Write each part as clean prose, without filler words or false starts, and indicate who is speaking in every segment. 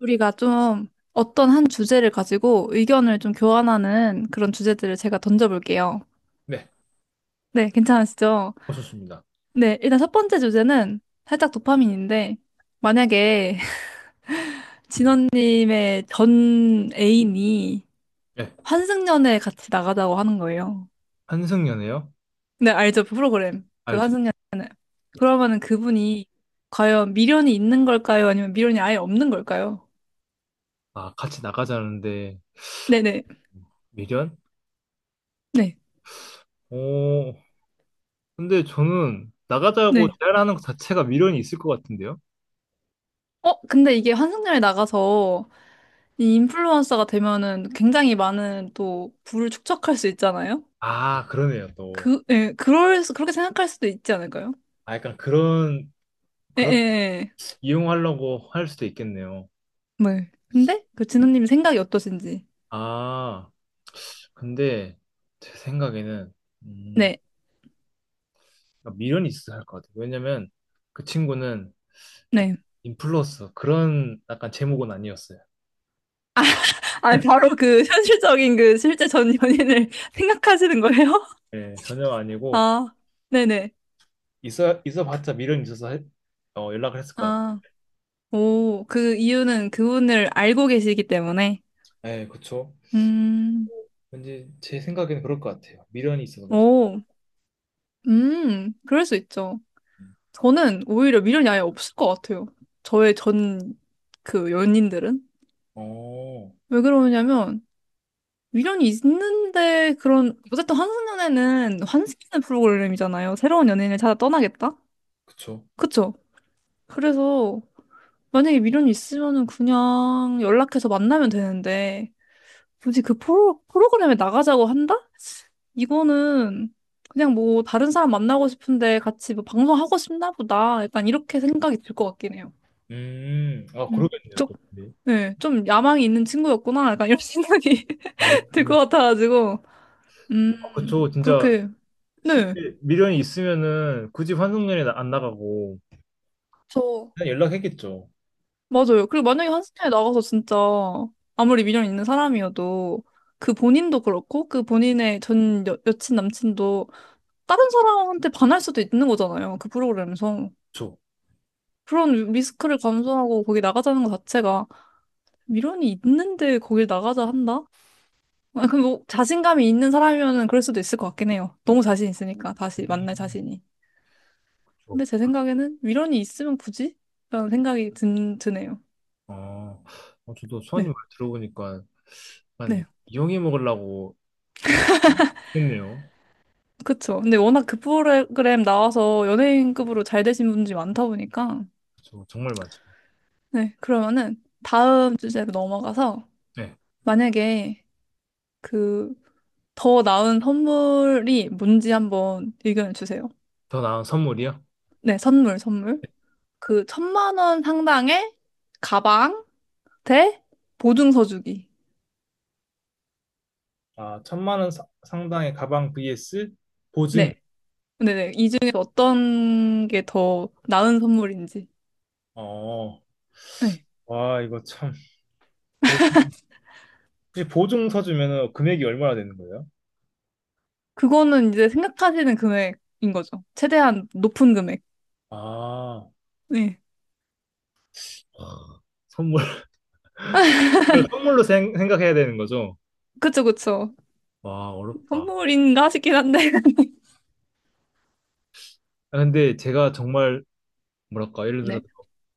Speaker 1: 우리가 좀 어떤 한 주제를 가지고 의견을 좀 교환하는 그런 주제들을 제가 던져볼게요.
Speaker 2: 네,
Speaker 1: 네, 괜찮으시죠?
Speaker 2: 오셨습니다.
Speaker 1: 네, 일단 첫 번째 주제는 살짝 도파민인데, 만약에 진원님의 전 애인이
Speaker 2: 네,
Speaker 1: 환승연애 같이 나가자고 하는 거예요.
Speaker 2: 한승연애요?
Speaker 1: 네, 알죠? 그 프로그램. 그
Speaker 2: 알죠.
Speaker 1: 환승연애. 그러면은 그분이 과연 미련이 있는 걸까요? 아니면 미련이 아예 없는 걸까요?
Speaker 2: 아, 같이 나가자는데
Speaker 1: 네네. 네.
Speaker 2: 미련?
Speaker 1: 네.
Speaker 2: 오, 근데 저는 나가자고
Speaker 1: 네.
Speaker 2: 제안하는 것 자체가 미련이 있을 것 같은데요?
Speaker 1: 어, 근데 이게 환승연애 나가서 이 인플루언서가 되면은 굉장히 많은 또 부를 축적할 수 있잖아요.
Speaker 2: 아, 그러네요, 또.
Speaker 1: 그, 예, 그렇게 생각할 수도 있지 않을까요?
Speaker 2: 아, 약간 그런,
Speaker 1: 예, 예,
Speaker 2: 그런,
Speaker 1: 예.
Speaker 2: 이용하려고 할 수도 있겠네요.
Speaker 1: 네. 근데 그 진호님 생각이 어떠신지.
Speaker 2: 아, 근데 제 생각에는, 음,
Speaker 1: 네,
Speaker 2: 그러니까 미련이 있어야 할 것 같아요. 왜냐면 그 친구는
Speaker 1: 네.
Speaker 2: 인플루언서, 그런 약간 제목은 아니었어요.
Speaker 1: 아, 바로 그 현실적인 그 실제 전 연인을 생각하시는 거예요?
Speaker 2: 네, 전혀 아니고,
Speaker 1: 아, 네네.
Speaker 2: 있어봤자 미련이 있어서 연락을 했을 것 같아.
Speaker 1: 아, 오, 그 이유는 그분을 알고 계시기 때문에.
Speaker 2: 네, 그쵸.
Speaker 1: 음,
Speaker 2: 왠지 제 생각에는 그럴 것 같아요. 미련이 있어서 가지고.
Speaker 1: 오, 그럴 수 있죠. 저는 오히려 미련이 아예 없을 것 같아요. 저의 전 그 연인들은.
Speaker 2: 어,
Speaker 1: 왜 그러냐면, 미련이 있는데 그런, 어쨌든 환승연애는 환승연애 프로그램이잖아요. 새로운 연인을 찾아 떠나겠다?
Speaker 2: 그쵸.
Speaker 1: 그쵸? 그래서 만약에 미련이 있으면은 그냥 연락해서 만나면 되는데, 굳이 그 프로그램에 나가자고 한다? 이거는 그냥 뭐 다른 사람 만나고 싶은데 같이 뭐 방송하고 싶나 보다. 약간 이렇게 생각이 들 것 같긴 해요.
Speaker 2: 아
Speaker 1: 음,
Speaker 2: 그러겠네요
Speaker 1: 좀,
Speaker 2: 또. 근데,
Speaker 1: 네, 좀 야망이 있는 친구였구나. 약간 이런 생각이
Speaker 2: 어,
Speaker 1: 들 것 같아가지고.
Speaker 2: 어, 그쵸. 진짜
Speaker 1: 그렇게, 네.
Speaker 2: 미련이 있으면은 굳이 환승연애 안 나가고
Speaker 1: 저,
Speaker 2: 그냥 연락했겠죠.
Speaker 1: 맞아요. 그리고 만약에 한스타에 나가서 진짜 아무리 미련 있는 사람이어도 그 본인도 그렇고 그 본인의 전 여친, 남친도 다른 사람한테 반할 수도 있는 거잖아요. 그 프로그램에서.
Speaker 2: 그쵸.
Speaker 1: 그런 리스크를 감수하고 거기 나가자는 것 자체가 미련이 있는데 거길 나가자 한다? 아, 그럼 뭐 자신감이 있는 사람이면은 그럴 수도 있을 것 같긴 해요. 너무 자신 있으니까 다시 만날
Speaker 2: 음,
Speaker 1: 자신이.
Speaker 2: 그쵸.
Speaker 1: 근데 제 생각에는 위로이 있으면 굳이? 라는 생각이 드네요.
Speaker 2: 아, 어, 저도 수아님
Speaker 1: 네,
Speaker 2: 말 들어보니까 약간
Speaker 1: 네,
Speaker 2: 이용해 먹으려고 했네요.
Speaker 1: 그쵸. 근데 워낙 그 프로그램 나와서 연예인급으로 잘 되신 분들이 많다 보니까
Speaker 2: 그쵸. 정말 맞죠.
Speaker 1: 네, 그러면은 다음 주제로 넘어가서
Speaker 2: 네.
Speaker 1: 만약에 그 더 나은 선물이 뭔지 한번 의견을 주세요.
Speaker 2: 더 나은 선물이요?
Speaker 1: 네, 선물, 선물. 그 1,000만 원 상당의 가방 대 보증서 주기.
Speaker 2: 아, 1,000만 원 상당의 가방 vs 보증.
Speaker 1: 네. 네네. 이 중에서 어떤 게 더 나은 선물인지.
Speaker 2: 어,
Speaker 1: 네.
Speaker 2: 와, 이거 참. 보, 혹시 보증서 주면은 금액이 얼마나 되는 거예요?
Speaker 1: 그거는 이제 생각하시는 금액인 거죠. 최대한 높은 금액.
Speaker 2: 아,
Speaker 1: 네.
Speaker 2: 선물. 이걸 선물로 생, 각해야 되는 거죠?
Speaker 1: 그쵸, 그쵸.
Speaker 2: 와, 어렵다.
Speaker 1: 선물인가 싶긴 한데.
Speaker 2: 아, 근데 제가 정말, 뭐랄까, 예를
Speaker 1: 네.
Speaker 2: 들어서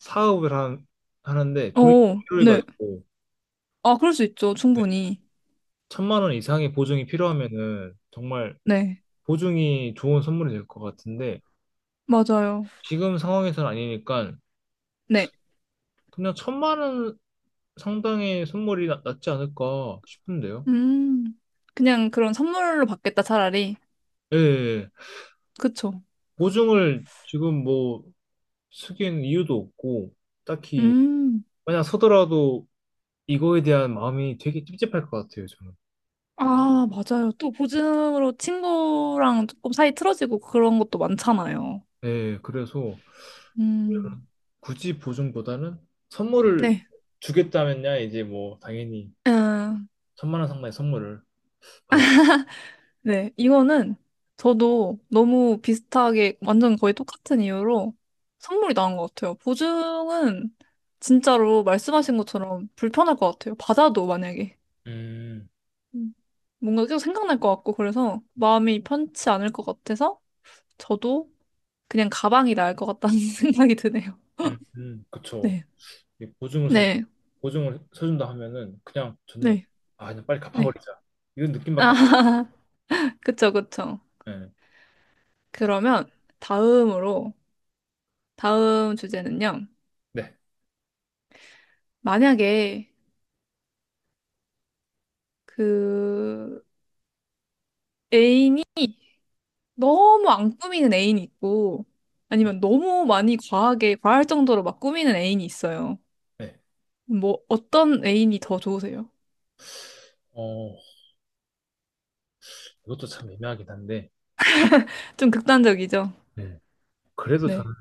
Speaker 2: 사업을 하는데 돈이
Speaker 1: 오, 네.
Speaker 2: 필요해가지고,
Speaker 1: 아, 그럴 수 있죠.
Speaker 2: 네,
Speaker 1: 충분히.
Speaker 2: 1,000만 원 이상의 보증이 필요하면은 정말
Speaker 1: 네.
Speaker 2: 보증이 좋은 선물이 될 것 같은데,
Speaker 1: 맞아요.
Speaker 2: 지금 상황에서는 아니니까,
Speaker 1: 네.
Speaker 2: 그냥 1,000만 원 상당히 선물이 낫지 않을까 싶은데요.
Speaker 1: 음. 그냥 그런 선물로 받겠다, 차라리.
Speaker 2: 예, 예. 예.
Speaker 1: 그쵸.
Speaker 2: 보증을 지금 뭐 쓰기에는 이유도 없고, 딱히,
Speaker 1: 음.
Speaker 2: 만약 서더라도 이거에 대한 마음이 되게 찝찝할 것 같아요, 저는.
Speaker 1: 아, 맞아요. 또 보증으로 친구랑 조금 사이 틀어지고 그런 것도 많잖아요.
Speaker 2: 예, 예. 그래서
Speaker 1: 음,
Speaker 2: 굳이 보증보다는 선물을
Speaker 1: 네.
Speaker 2: 주겠다면야 이제 뭐 당연히
Speaker 1: 아,
Speaker 2: 1,000만 원 상당의 선물을 받을,
Speaker 1: 네. 이거는 저도 너무 비슷하게 완전 거의 똑같은 이유로 선물이 나온 것 같아요. 보증은 진짜로 말씀하신 것처럼 불편할 것 같아요. 받아도 만약에.
Speaker 2: 음,
Speaker 1: 음, 뭔가 계속 생각날 것 같고 그래서 마음이 편치 않을 것 같아서 저도 그냥 가방이 나을 것 같다는 생각이 드네요.
Speaker 2: 그쵸.
Speaker 1: 네.
Speaker 2: 이
Speaker 1: 네.
Speaker 2: 보증을 서준다 하면은 그냥 저는,
Speaker 1: 네.
Speaker 2: 아, 그냥 빨리
Speaker 1: 네.
Speaker 2: 갚아버리자. 이런 느낌밖에
Speaker 1: 아,
Speaker 2: 안,
Speaker 1: 그쵸, 그쵸.
Speaker 2: 예.
Speaker 1: 그러면 다음으로 다음 주제는요.
Speaker 2: 네.
Speaker 1: 만약에 그 애인이 너무 안 꾸미는 애인이 있고 아니면 너무 많이 과하게 과할 정도로 막 꾸미는 애인이 있어요.
Speaker 2: 네.
Speaker 1: 뭐 어떤 애인이 더 좋으세요?
Speaker 2: 어, 이것도 참 애매하긴 한데,
Speaker 1: 좀 극단적이죠?
Speaker 2: 네. 그래도
Speaker 1: 네.
Speaker 2: 저는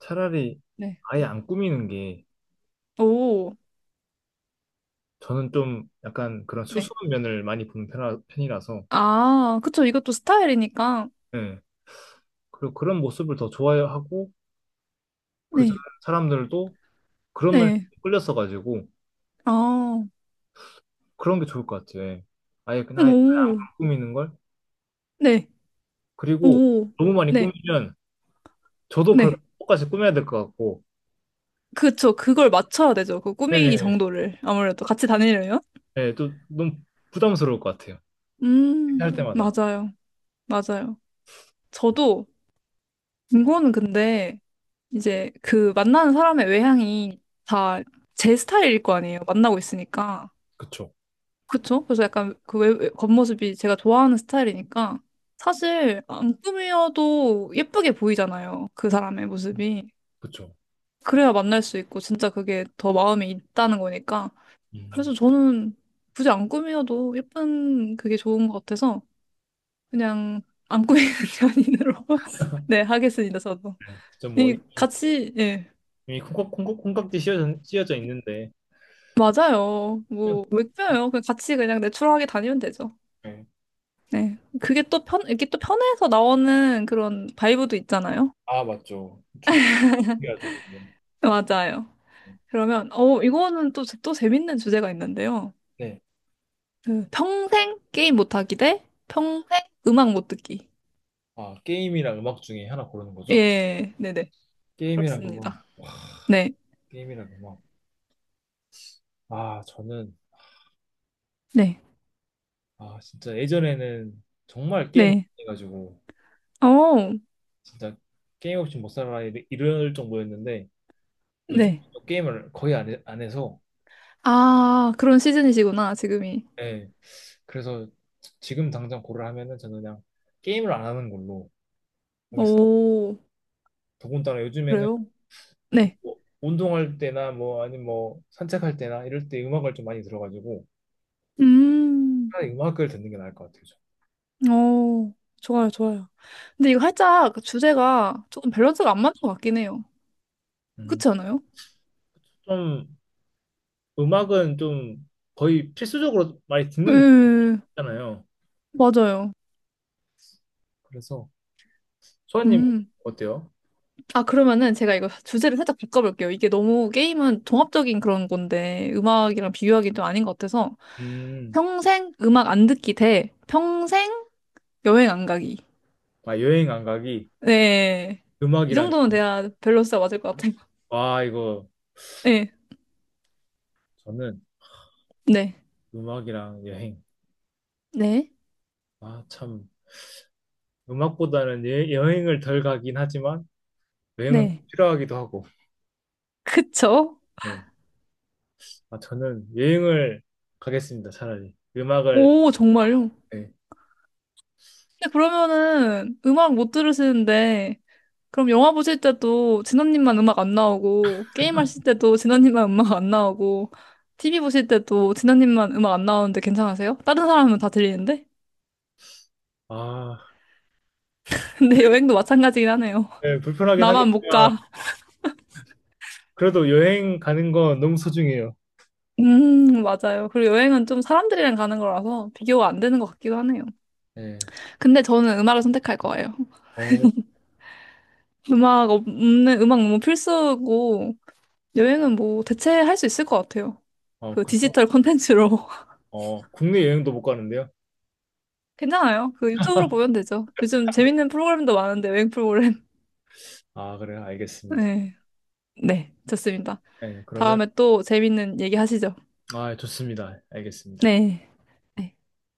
Speaker 2: 차라리
Speaker 1: 네.
Speaker 2: 아예 안 꾸미는 게,
Speaker 1: 오.
Speaker 2: 저는 좀 약간 그런
Speaker 1: 네.
Speaker 2: 수수한 면을 많이 보는 편이라서,
Speaker 1: 아, 그쵸. 이것도 스타일이니까.
Speaker 2: 네, 그리고 그런 모습을 더 좋아하고, 그 사-
Speaker 1: 네.
Speaker 2: 사람들도 그런 면에
Speaker 1: 네.
Speaker 2: 끌렸어가지고,
Speaker 1: 아.
Speaker 2: 그런 게 좋을 것 같아요. 예. 아예 그냥 아예
Speaker 1: 오.
Speaker 2: 안 꾸미는 걸.
Speaker 1: 네.
Speaker 2: 그리고
Speaker 1: 오.
Speaker 2: 너무 많이
Speaker 1: 네.
Speaker 2: 꾸미면, 저도 그걸
Speaker 1: 네.
Speaker 2: 똑같이 꾸며야 될 것 같고,
Speaker 1: 그쵸. 그걸 맞춰야 되죠. 그 꾸미기
Speaker 2: 네,
Speaker 1: 정도를. 아무래도 같이 다니려면.
Speaker 2: 네, 또 너무 부담스러울 것 같아요. 할
Speaker 1: 음.
Speaker 2: 때마다.
Speaker 1: 맞아요. 맞아요. 저도 이거는 근데 이제 그 만나는 사람의 외향이 다 제 스타일일 거 아니에요. 만나고 있으니까.
Speaker 2: 그쵸.
Speaker 1: 그쵸? 그래서 약간 그 겉모습이 제가 좋아하는 스타일이니까 사실 안 꾸미어도 예쁘게 보이잖아요. 그 사람의 모습이.
Speaker 2: 그쵸.
Speaker 1: 그래야 만날 수 있고 진짜 그게 더 마이 있다는 거니까.
Speaker 2: 음.
Speaker 1: 그래서 저는 굳이 안 꾸미어도 예쁜 그게 좋은 것 같아서 그냥 안 꾸미는 연인으로 네, 하겠습니다, 저도.
Speaker 2: 그뭐
Speaker 1: 이
Speaker 2: 이미
Speaker 1: 같이 예.
Speaker 2: 콩깍지 씌워져 있는데.
Speaker 1: 맞아요. 뭐, 왜 껴요? 그냥 같이 그냥 내추럴하게 다니면 되죠.
Speaker 2: 네.
Speaker 1: 네. 그게 또 편, 이게 또 편해서 나오는 그런 바이브도 있잖아요.
Speaker 2: 아 맞죠, 주특기하죠.
Speaker 1: 맞아요. 그러면, 어, 이거는 또, 또 재밌는 주제가 있는데요.
Speaker 2: 네.
Speaker 1: 그 평생 게임 못하기 대 평생 음악 못 듣기.
Speaker 2: 아 게임이랑 음악 중에 하나 고르는 거죠?
Speaker 1: 예, 네네.
Speaker 2: 게임이랑 음악,
Speaker 1: 그렇습니다. 네,
Speaker 2: 게임이랑 음악. 아 저는,
Speaker 1: 네,
Speaker 2: 아 진짜 예전에는 정말 게임을
Speaker 1: 네.
Speaker 2: 많이 해가지고
Speaker 1: 어,
Speaker 2: 진짜 게임 없이 못 살아 이럴 정도였는데 요즘
Speaker 1: 네.
Speaker 2: 또 게임을 거의 안 해서.
Speaker 1: 아, 그런 시즌이시구나, 지금이.
Speaker 2: 네, 그래서 지금 당장 고를 하면은 저는 그냥 게임을 안 하는 걸로 하겠습니다.
Speaker 1: 오,
Speaker 2: 더군다나 요즘에는
Speaker 1: 그래요? 네.
Speaker 2: 뭐 운동할 때나 뭐 아니면 뭐 산책할 때나 이럴 때 음악을 좀 많이 들어가지고
Speaker 1: 음.
Speaker 2: 차라리 음악을 듣는 게 나을 것 같아요. 저.
Speaker 1: 오 좋아요, 좋아요. 근데 이거 살짝 그 주제가 조금 밸런스가 안 맞는 것 같긴 해요.
Speaker 2: 음,
Speaker 1: 그렇지 않아요?
Speaker 2: 좀 음악은 좀 거의 필수적으로 많이 듣는
Speaker 1: 예,
Speaker 2: 느낌이잖아요.
Speaker 1: 맞아요.
Speaker 2: 그래서 소아님
Speaker 1: 음.
Speaker 2: 어때요?
Speaker 1: 아, 그러면은 제가 이거 주제를 살짝 바꿔볼게요. 이게 너무 게임은 종합적인 그런 건데, 음악이랑 비교하기 좀 아닌 것 같아서.
Speaker 2: 음,
Speaker 1: 평생 음악 안 듣기 대 평생 여행 안 가기.
Speaker 2: 아 여행 안 가기.
Speaker 1: 네. 이
Speaker 2: 음악이랑.
Speaker 1: 정도는 돼야 밸런스가 맞을 것 같아요.
Speaker 2: 와 이거.
Speaker 1: 네.
Speaker 2: 저는
Speaker 1: 네.
Speaker 2: 음악이랑 여행.
Speaker 1: 네.
Speaker 2: 아 참, 음악보다는 여행을 덜 가긴 하지만 여행은
Speaker 1: 네.
Speaker 2: 필요하기도 하고.
Speaker 1: 그쵸?
Speaker 2: 네. 아 저는 여행을 가겠습니다. 차라리 음악을.
Speaker 1: 오, 정말요?
Speaker 2: 네.
Speaker 1: 근데 그러면은 음악 못 들으시는데, 그럼 영화 보실 때도 진원님만 음악 안 나오고, 게임 하실 때도 진원님만 음악 안 나오고, TV 보실 때도 진원님만 음악 안 나오는데 괜찮으세요? 다른 사람은 다 들리는데?
Speaker 2: 아,
Speaker 1: 근데 여행도 마찬가지긴 하네요.
Speaker 2: 네, 불편하긴
Speaker 1: 나만 못
Speaker 2: 하겠지만
Speaker 1: 가.
Speaker 2: 그래도 여행 가는 건 너무 소중해요.
Speaker 1: 맞아요. 그리고 여행은 좀 사람들이랑 가는 거라서 비교가 안 되는 것 같기도 하네요.
Speaker 2: 네.
Speaker 1: 근데 저는 음악을 선택할 거예요.
Speaker 2: 어,
Speaker 1: 음악 없는, 음악 너무 필수고, 여행은 뭐 대체할 수 있을 것 같아요.
Speaker 2: 어,
Speaker 1: 그
Speaker 2: 그래요?
Speaker 1: 디지털 콘텐츠로.
Speaker 2: 어, 국내 여행도 못 가는데요?
Speaker 1: 괜찮아요. 그 유튜브로 보면 되죠. 요즘 재밌는 프로그램도 많은데, 여행 프로그램.
Speaker 2: 아, 그래요? 알겠습니다.
Speaker 1: 네. 네, 좋습니다.
Speaker 2: 네, 그러면
Speaker 1: 다음에 또 재밌는 얘기 하시죠.
Speaker 2: 아, 좋습니다. 알겠습니다.
Speaker 1: 네. 네.